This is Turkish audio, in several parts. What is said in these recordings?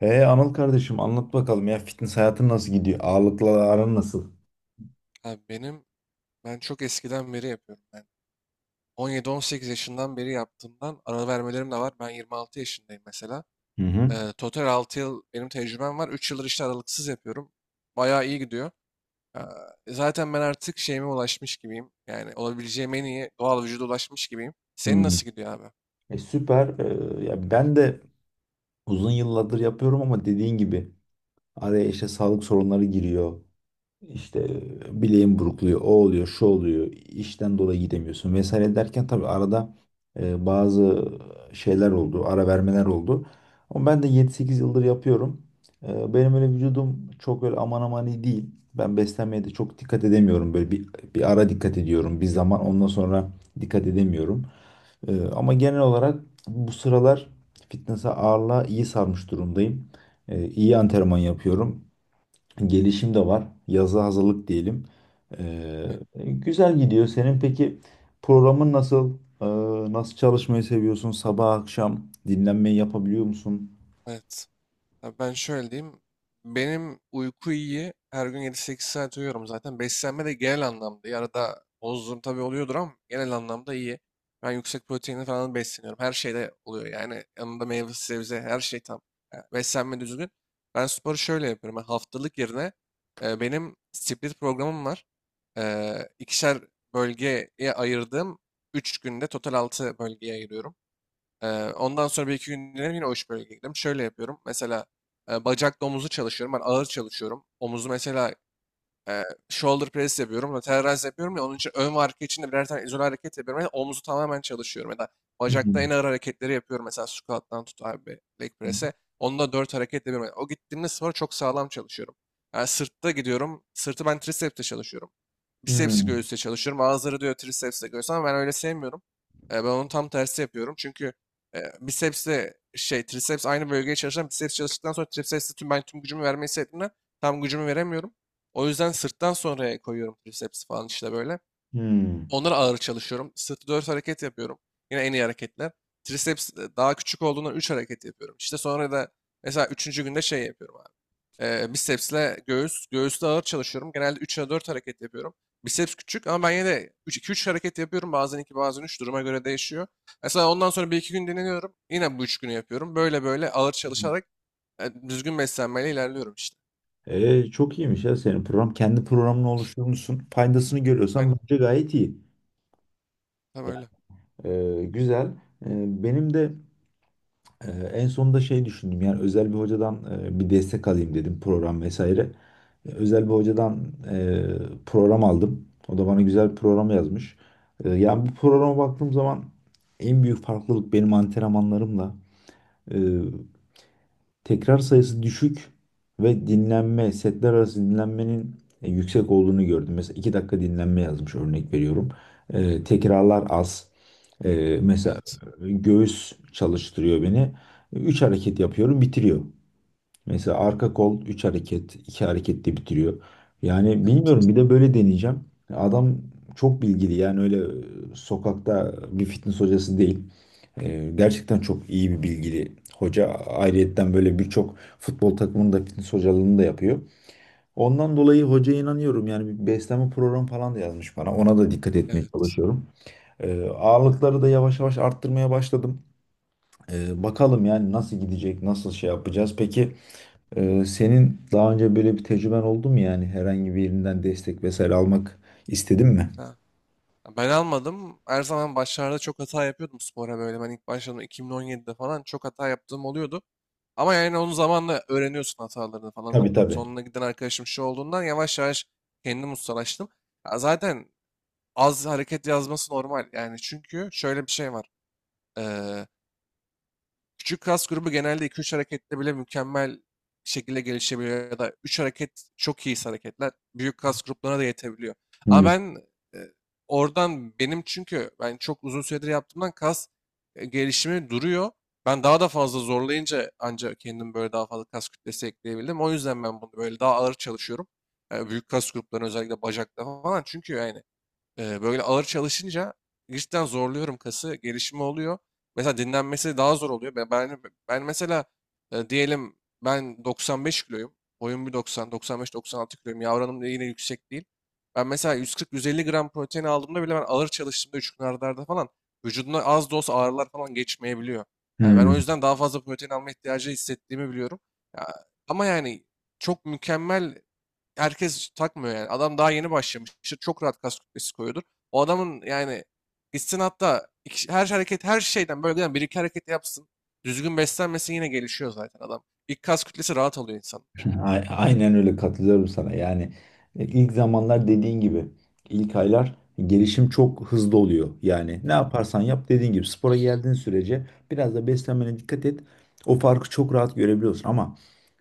Anıl kardeşim anlat bakalım ya, fitness hayatın nasıl gidiyor? Ağırlıkla aran nasıl? Abi ben çok eskiden beri yapıyorum. Ben 17-18 yaşından beri yaptığımdan ara vermelerim de var. Ben 26 yaşındayım mesela. Hı hı. Total 6 yıl benim tecrübem var. Üç yıldır işte aralıksız yapıyorum. Bayağı iyi gidiyor. Ee, Zaten ben artık şeyime ulaşmış gibiyim. Yani olabileceğim en iyi doğal vücuda ulaşmış gibiyim. Senin Hmm. nasıl gidiyor abi? Süper. Ya ben de uzun yıllardır yapıyorum ama dediğin gibi araya işte sağlık sorunları giriyor. İşte bileğin burukluyor, o oluyor, şu oluyor, işten dolayı gidemiyorsun vesaire derken tabii arada bazı şeyler oldu, ara vermeler oldu. Ama ben de 7-8 yıldır yapıyorum. Benim öyle vücudum çok öyle aman aman iyi değil. Ben beslenmeye de çok dikkat edemiyorum. Böyle bir ara dikkat ediyorum, bir zaman ondan sonra dikkat edemiyorum. Ama genel olarak bu sıralar fitness'a, ağırlığa iyi sarmış durumdayım. İyi antrenman yapıyorum. Gelişim de var. Yazı hazırlık diyelim. Ee, Ben- Güzel gidiyor. Senin peki programın nasıl? Nasıl çalışmayı seviyorsun? Sabah akşam dinlenmeyi yapabiliyor musun? Evet. Ya, ben şöyle diyeyim. Benim uyku iyi. Her gün 7-8 saat uyuyorum zaten. Beslenme de genel anlamda iyi. Arada bozduğum tabii oluyordur ama genel anlamda iyi. Ben yüksek proteinli falan besleniyorum. Her şeyde oluyor. Yani yanında meyve, sebze, her şey tam. Yani beslenme düzgün. Ben sporu şöyle yapıyorum. Ben haftalık yerine benim split programım var. E, ikişer bölgeye ayırdığım 3 günde total 6 bölgeye ayırıyorum. Ee, Ondan sonra bir iki gün dinlenip yine o iş bölgeye gidiyorum. Şöyle yapıyorum. Mesela bacakla omuzu çalışıyorum. Ben ağır çalışıyorum. Omuzu mesela e, shoulder press yapıyorum. Lateral raise yapıyorum ya, onun için ön ve arka için de birer tane izole hareket yapıyorum. Yani omuzu tamamen çalışıyorum. Ya da bacakta en Hmm. ağır hareketleri yapıyorum. Mesela squat'tan tut abi leg press'e. Onda dört hareket yapıyorum. Yani o gittiğimde spora çok sağlam çalışıyorum. Yani sırtta gidiyorum. Sırtı ben tricep'te çalışıyorum. Bicepsi Hmm. göğüsle çalışıyorum. Bazıları diyor tricepsle göğüs ama ben öyle sevmiyorum. Ben onun tam tersi yapıyorum. Çünkü bicepsle şey triceps aynı bölgeye çalışan biceps çalıştıktan sonra tricepsle tüm tüm gücümü vermeyi istediğimden tam gücümü veremiyorum. O yüzden sırttan sonraya koyuyorum tricepsi falan işte böyle. Hmm. Onlara ağır çalışıyorum. Sırtı 4 hareket yapıyorum. Yine en iyi hareketler. Triceps daha küçük olduğundan 3 hareket yapıyorum. İşte sonra da mesela üçüncü günde şey yapıyorum abi. Bicepsle göğüs. Göğüste ağır çalışıyorum. Genelde 3'e 4 hareket yapıyorum. Biceps küçük ama ben yine de 2-3 hareket yapıyorum. Bazen 2, bazen üç, duruma göre değişiyor. Mesela ondan sonra bir iki gün dinleniyorum. Yine bu 3 günü yapıyorum. Böyle böyle ağır çalışarak düzgün beslenmeyle ilerliyorum işte. Çok iyiymiş ya senin program. Kendi programını oluşturmuşsun. Faydasını görüyorsan Aynen. bence gayet iyi. Tam öyle. Güzel. Benim de en sonunda şey düşündüm. Yani özel bir hocadan bir destek alayım dedim, program vesaire. Özel bir hocadan e, program aldım. O da bana güzel bir program yazmış. Yani bu programa baktığım zaman en büyük farklılık benim antrenmanlarımla e, tekrar sayısı düşük ve dinlenme, setler arası dinlenmenin yüksek olduğunu gördüm. Mesela 2 dakika dinlenme yazmış, örnek veriyorum. Tekrarlar az. Mesela Evet. göğüs çalıştırıyor beni. 3 hareket yapıyorum, bitiriyor. Mesela arka kol 3 hareket, 2 hareketle bitiriyor. Yani Evet. bilmiyorum, bir de böyle deneyeceğim. Adam çok bilgili, yani öyle sokakta bir fitness hocası değil. Gerçekten çok iyi, bir bilgili hoca. Ayrıyetten böyle birçok futbol takımının da fitness hocalığını da yapıyor. Ondan dolayı hocaya inanıyorum. Yani bir beslenme programı falan da yazmış bana. Ona da dikkat etmeye Evet. çalışıyorum. Ağırlıkları da yavaş yavaş arttırmaya başladım. Bakalım yani nasıl gidecek, nasıl şey yapacağız. Peki senin daha önce böyle bir tecrüben oldu mu, yani herhangi bir yerinden destek vesaire almak istedin mi? Ha. Ya, ben almadım. Her zaman başlarda çok hata yapıyordum spora böyle. Ben ilk başladığımda 2017'de falan çok hata yaptığım oluyordu. Ama yani onun zamanla öğreniyorsun hatalarını falan. Tabii, tabii. Sonuna giden arkadaşım şu olduğundan yavaş yavaş kendimi ustalaştım. Ya zaten az hareket yazması normal. Yani çünkü şöyle bir şey var. Küçük kas grubu genelde iki üç harekette bile mükemmel şekilde gelişebiliyor ya da 3 hareket çok iyi hareketler büyük kas gruplarına da yetebiliyor. Ama Hmm. ben e, oradan benim çünkü ben çok uzun süredir yaptığımdan kas gelişimi duruyor. Ben daha da fazla zorlayınca ancak kendim böyle daha fazla kas kütlesi ekleyebildim. O yüzden ben bunu böyle daha ağır çalışıyorum. E, büyük kas gruplarına özellikle bacakta falan. Çünkü yani böyle ağır çalışınca cidden zorluyorum kası, gelişimi oluyor. Mesela dinlenmesi daha zor oluyor. Ben mesela diyelim ben 95 kiloyum. Boyum 1,90, 95-96 kiloyum. Yavranım da yine yüksek değil. Ben mesela 140-150 gram protein aldığımda bile ben ağır çalıştığımda 3 gün arda arda falan vücudumda az da olsa ağrılar falan geçmeyebiliyor. Yani ben o Hmm. yüzden daha fazla protein alma ihtiyacı hissettiğimi biliyorum. Ya, ama yani çok mükemmel herkes takmıyor yani. Adam daha yeni başlamıştır. Çok rahat kas kütlesi koyuyordur. O adamın yani istinatta her hareket her şeyden böyle yani bir iki hareket yapsın. Düzgün beslenmesi yine gelişiyor zaten adam. İlk kas kütlesi rahat alıyor insanlar. Aynen öyle, katılıyorum sana. Yani ilk zamanlar dediğin gibi, ilk aylar gelişim çok hızlı oluyor. Yani ne yaparsan yap, dediğin gibi spora geldiğin sürece biraz da beslenmene dikkat et. O farkı çok rahat görebiliyorsun ama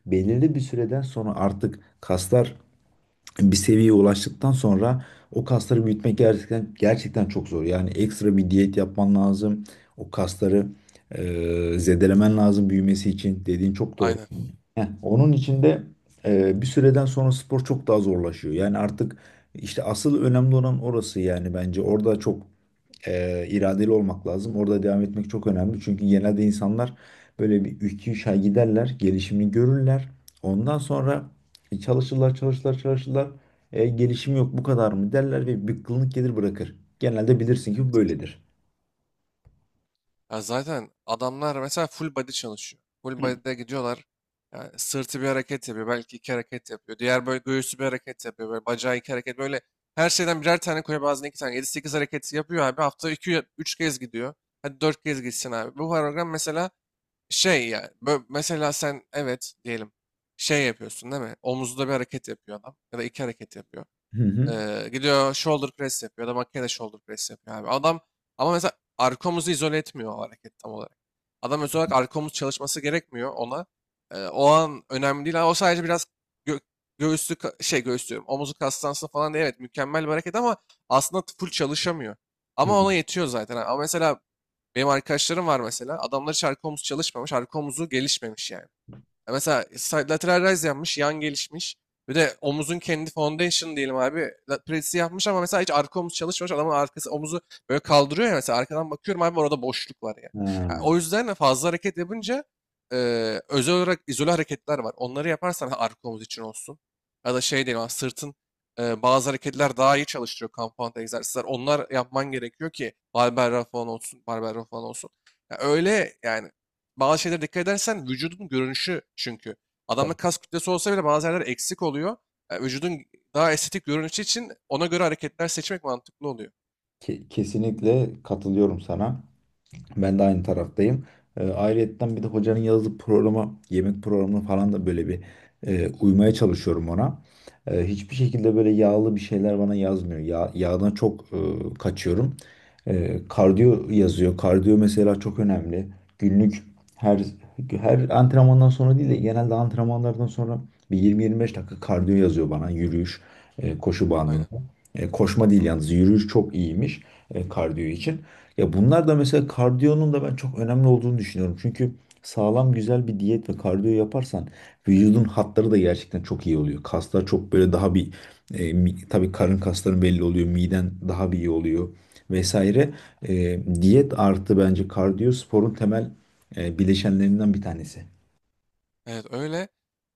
belirli bir süreden sonra artık kaslar bir seviyeye ulaştıktan sonra o kasları büyütmek gerçekten gerçekten çok zor. Yani ekstra bir diyet yapman lazım. O kasları e, zedelemen lazım büyümesi için. Dediğin çok doğru. Aynen. Heh, onun için de bir süreden sonra spor çok daha zorlaşıyor. Yani artık işte asıl önemli olan orası yani, bence. Orada çok iradeli olmak lazım. Orada devam etmek çok önemli. Çünkü genelde insanlar böyle bir 2-3 ay giderler, gelişimini görürler. Ondan sonra çalışırlar, çalışırlar, çalışırlar. Gelişim yok, bu kadar mı derler ve bir bıkkınlık gelir, bırakır. Genelde bilirsin ki bu böyledir. Ya zaten adamlar mesela full body çalışıyor. Full body'de gidiyorlar. Yani sırtı bir hareket yapıyor. Belki iki hareket yapıyor. Diğer böyle göğüsü bir hareket yapıyor. Böyle bacağı iki hareket. Böyle her şeyden birer tane koyuyor. Bazen iki tane. Yedi sekiz hareketi yapıyor abi. Hafta iki üç kez gidiyor. Hadi 4 kez gitsin abi. Bu program mesela şey yani. Mesela sen evet diyelim şey yapıyorsun değil mi? Omuzda bir hareket yapıyor adam. Ya da iki hareket yapıyor. Hı hı. Gidiyor shoulder press yapıyor ya da makineyle shoulder press yapıyor abi. Adam ama mesela arkomuzu izole etmiyor o hareket tam olarak. Adam özel olarak arkomuz çalışması gerekmiyor ona. O an önemli değil. O sadece biraz gö şey göğüs diyorum. Omuzu kastansın falan diye evet mükemmel bir hareket ama aslında full çalışamıyor. Hı. Ama ona yetiyor zaten. Ama mesela benim arkadaşlarım var mesela. Adamlar hiç arka omuz çalışmamış. Arka omuzu gelişmemiş yani. Mesela side lateral raise yapmış, yan gelişmiş. Bir de omuzun kendi foundation diyelim abi. Presi yapmış ama mesela hiç arka omuz çalışmamış. Adamın arkası omuzu böyle kaldırıyor ya, mesela arkadan bakıyorum abi orada boşluk var ya. Ha, Ha, o yüzden de fazla hareket yapınca e, özel olarak izole hareketler var. Onları yaparsan ha, arka omuz için olsun. Ya da şey diyelim abi, sırtın bazı hareketler daha iyi çalıştırıyor compound egzersizler. Onlar yapman gerekiyor ki barbell raw falan olsun, barbell row falan olsun. Ya öyle yani bazı şeylere dikkat edersen vücudun görünüşü çünkü. Adamda tabii. kas kütlesi olsa bile bazı yerler eksik oluyor. Vücudun daha estetik görünüşü için ona göre hareketler seçmek mantıklı oluyor. Kesinlikle katılıyorum sana. Ben de aynı taraftayım. Ayrıyetten bir de hocanın yazdığı programa, yemek programına falan da böyle bir uymaya çalışıyorum ona. Hiçbir şekilde böyle yağlı bir şeyler bana yazmıyor. Ya, yağdan çok kaçıyorum. Kardiyo yazıyor. Kardiyo mesela çok önemli. Günlük her her antrenmandan sonra değil de genelde antrenmanlardan sonra bir 20-25 dakika kardiyo yazıyor bana. Yürüyüş, koşu Aynen. bandında. Koşma değil yalnız, yürüyüş çok iyiymiş kardiyo için. Ya bunlar da, mesela kardiyonun da ben çok önemli olduğunu düşünüyorum. Çünkü sağlam güzel bir diyet ve kardiyo yaparsan vücudun hatları da gerçekten çok iyi oluyor. Kaslar çok böyle daha bir tabii, karın kasların belli oluyor, miden daha bir iyi oluyor vesaire. Diyet artı bence kardiyo, sporun temel bileşenlerinden bir tanesi. Evet öyle.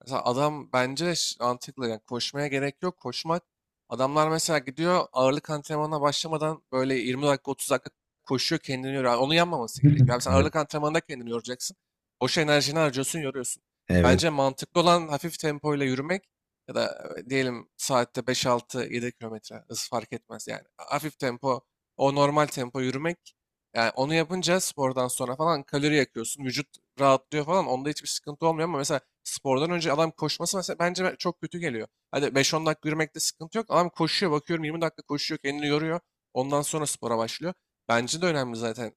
Mesela adam bence de mantıklı. Yani koşmaya gerek yok. Koşmak. Adamlar mesela gidiyor ağırlık antrenmanına başlamadan böyle 20 dakika 30 dakika koşuyor kendini yoruyor. Yani onu yanmaması gerekiyor. Yani sen Evet. ağırlık antrenmanında kendini yoracaksın. Boş enerjini harcıyorsun yoruyorsun. Evet. Bence mantıklı olan hafif tempoyla yürümek ya da diyelim saatte 5-6-7 kilometre hız fark etmez yani. Hafif tempo o normal tempo yürümek yani onu yapınca spordan sonra falan kalori yakıyorsun. Vücut rahatlıyor falan. Onda hiçbir sıkıntı olmuyor ama mesela spordan önce adam koşması mesela bence çok kötü geliyor. Hadi 5-10 dakika yürümekte sıkıntı yok. Adam koşuyor bakıyorum 20 dakika koşuyor kendini yoruyor. Ondan sonra spora başlıyor. Bence de önemli zaten.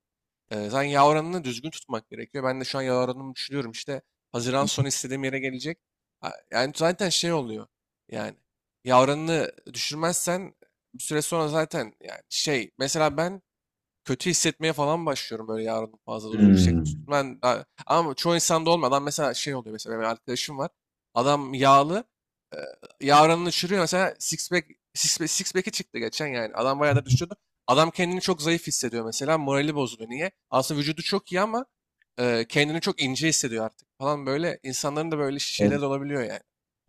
Zaten yağ oranını düzgün tutmak gerekiyor. Ben de şu an yağ oranımı düşünüyorum. İşte Haziran sonu istediğim yere gelecek. Ha, yani zaten şey oluyor. Yani yağ oranını düşürmezsen bir süre sonra zaten yani şey mesela ben kötü hissetmeye falan başlıyorum böyle yarın fazla yüksek tuttum. Hmm. Ama çoğu insanda olmadan mesela şey oluyor mesela benim arkadaşım var. Adam yağlı e, yarınını uçuruyor mesela six pack, six pack'i çıktı geçen yani. Adam bayağı da düşüyordu. Adam kendini çok zayıf hissediyor mesela morali bozuluyor. Niye? Aslında vücudu çok iyi ama kendini çok ince hissediyor artık falan böyle. İnsanların da böyle şeyler de olabiliyor yani.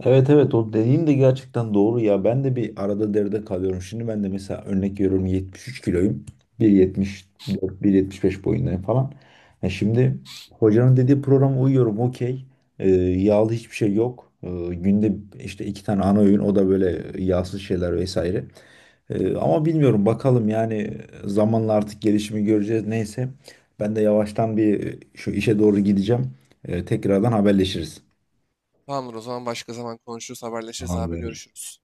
Evet, evet, o dediğin de gerçekten doğru ya. Ben de bir arada deride kalıyorum. Şimdi ben de mesela, örnek veriyorum, 73 kiloyum. 1,74, 1,75 boyundayım falan. Şimdi hocanın dediği programa uyuyorum, okey. Yağlı hiçbir şey yok. Günde işte iki tane ana öğün, o da böyle yağsız şeyler vesaire. Ama bilmiyorum, bakalım yani zamanla artık gelişimi göreceğiz. Neyse, ben de yavaştan bir şu işe doğru gideceğim. Tekrardan haberleşiriz. Tamamdır, o zaman başka zaman konuşuruz, haberleşiriz abi, Tamamdır. görüşürüz.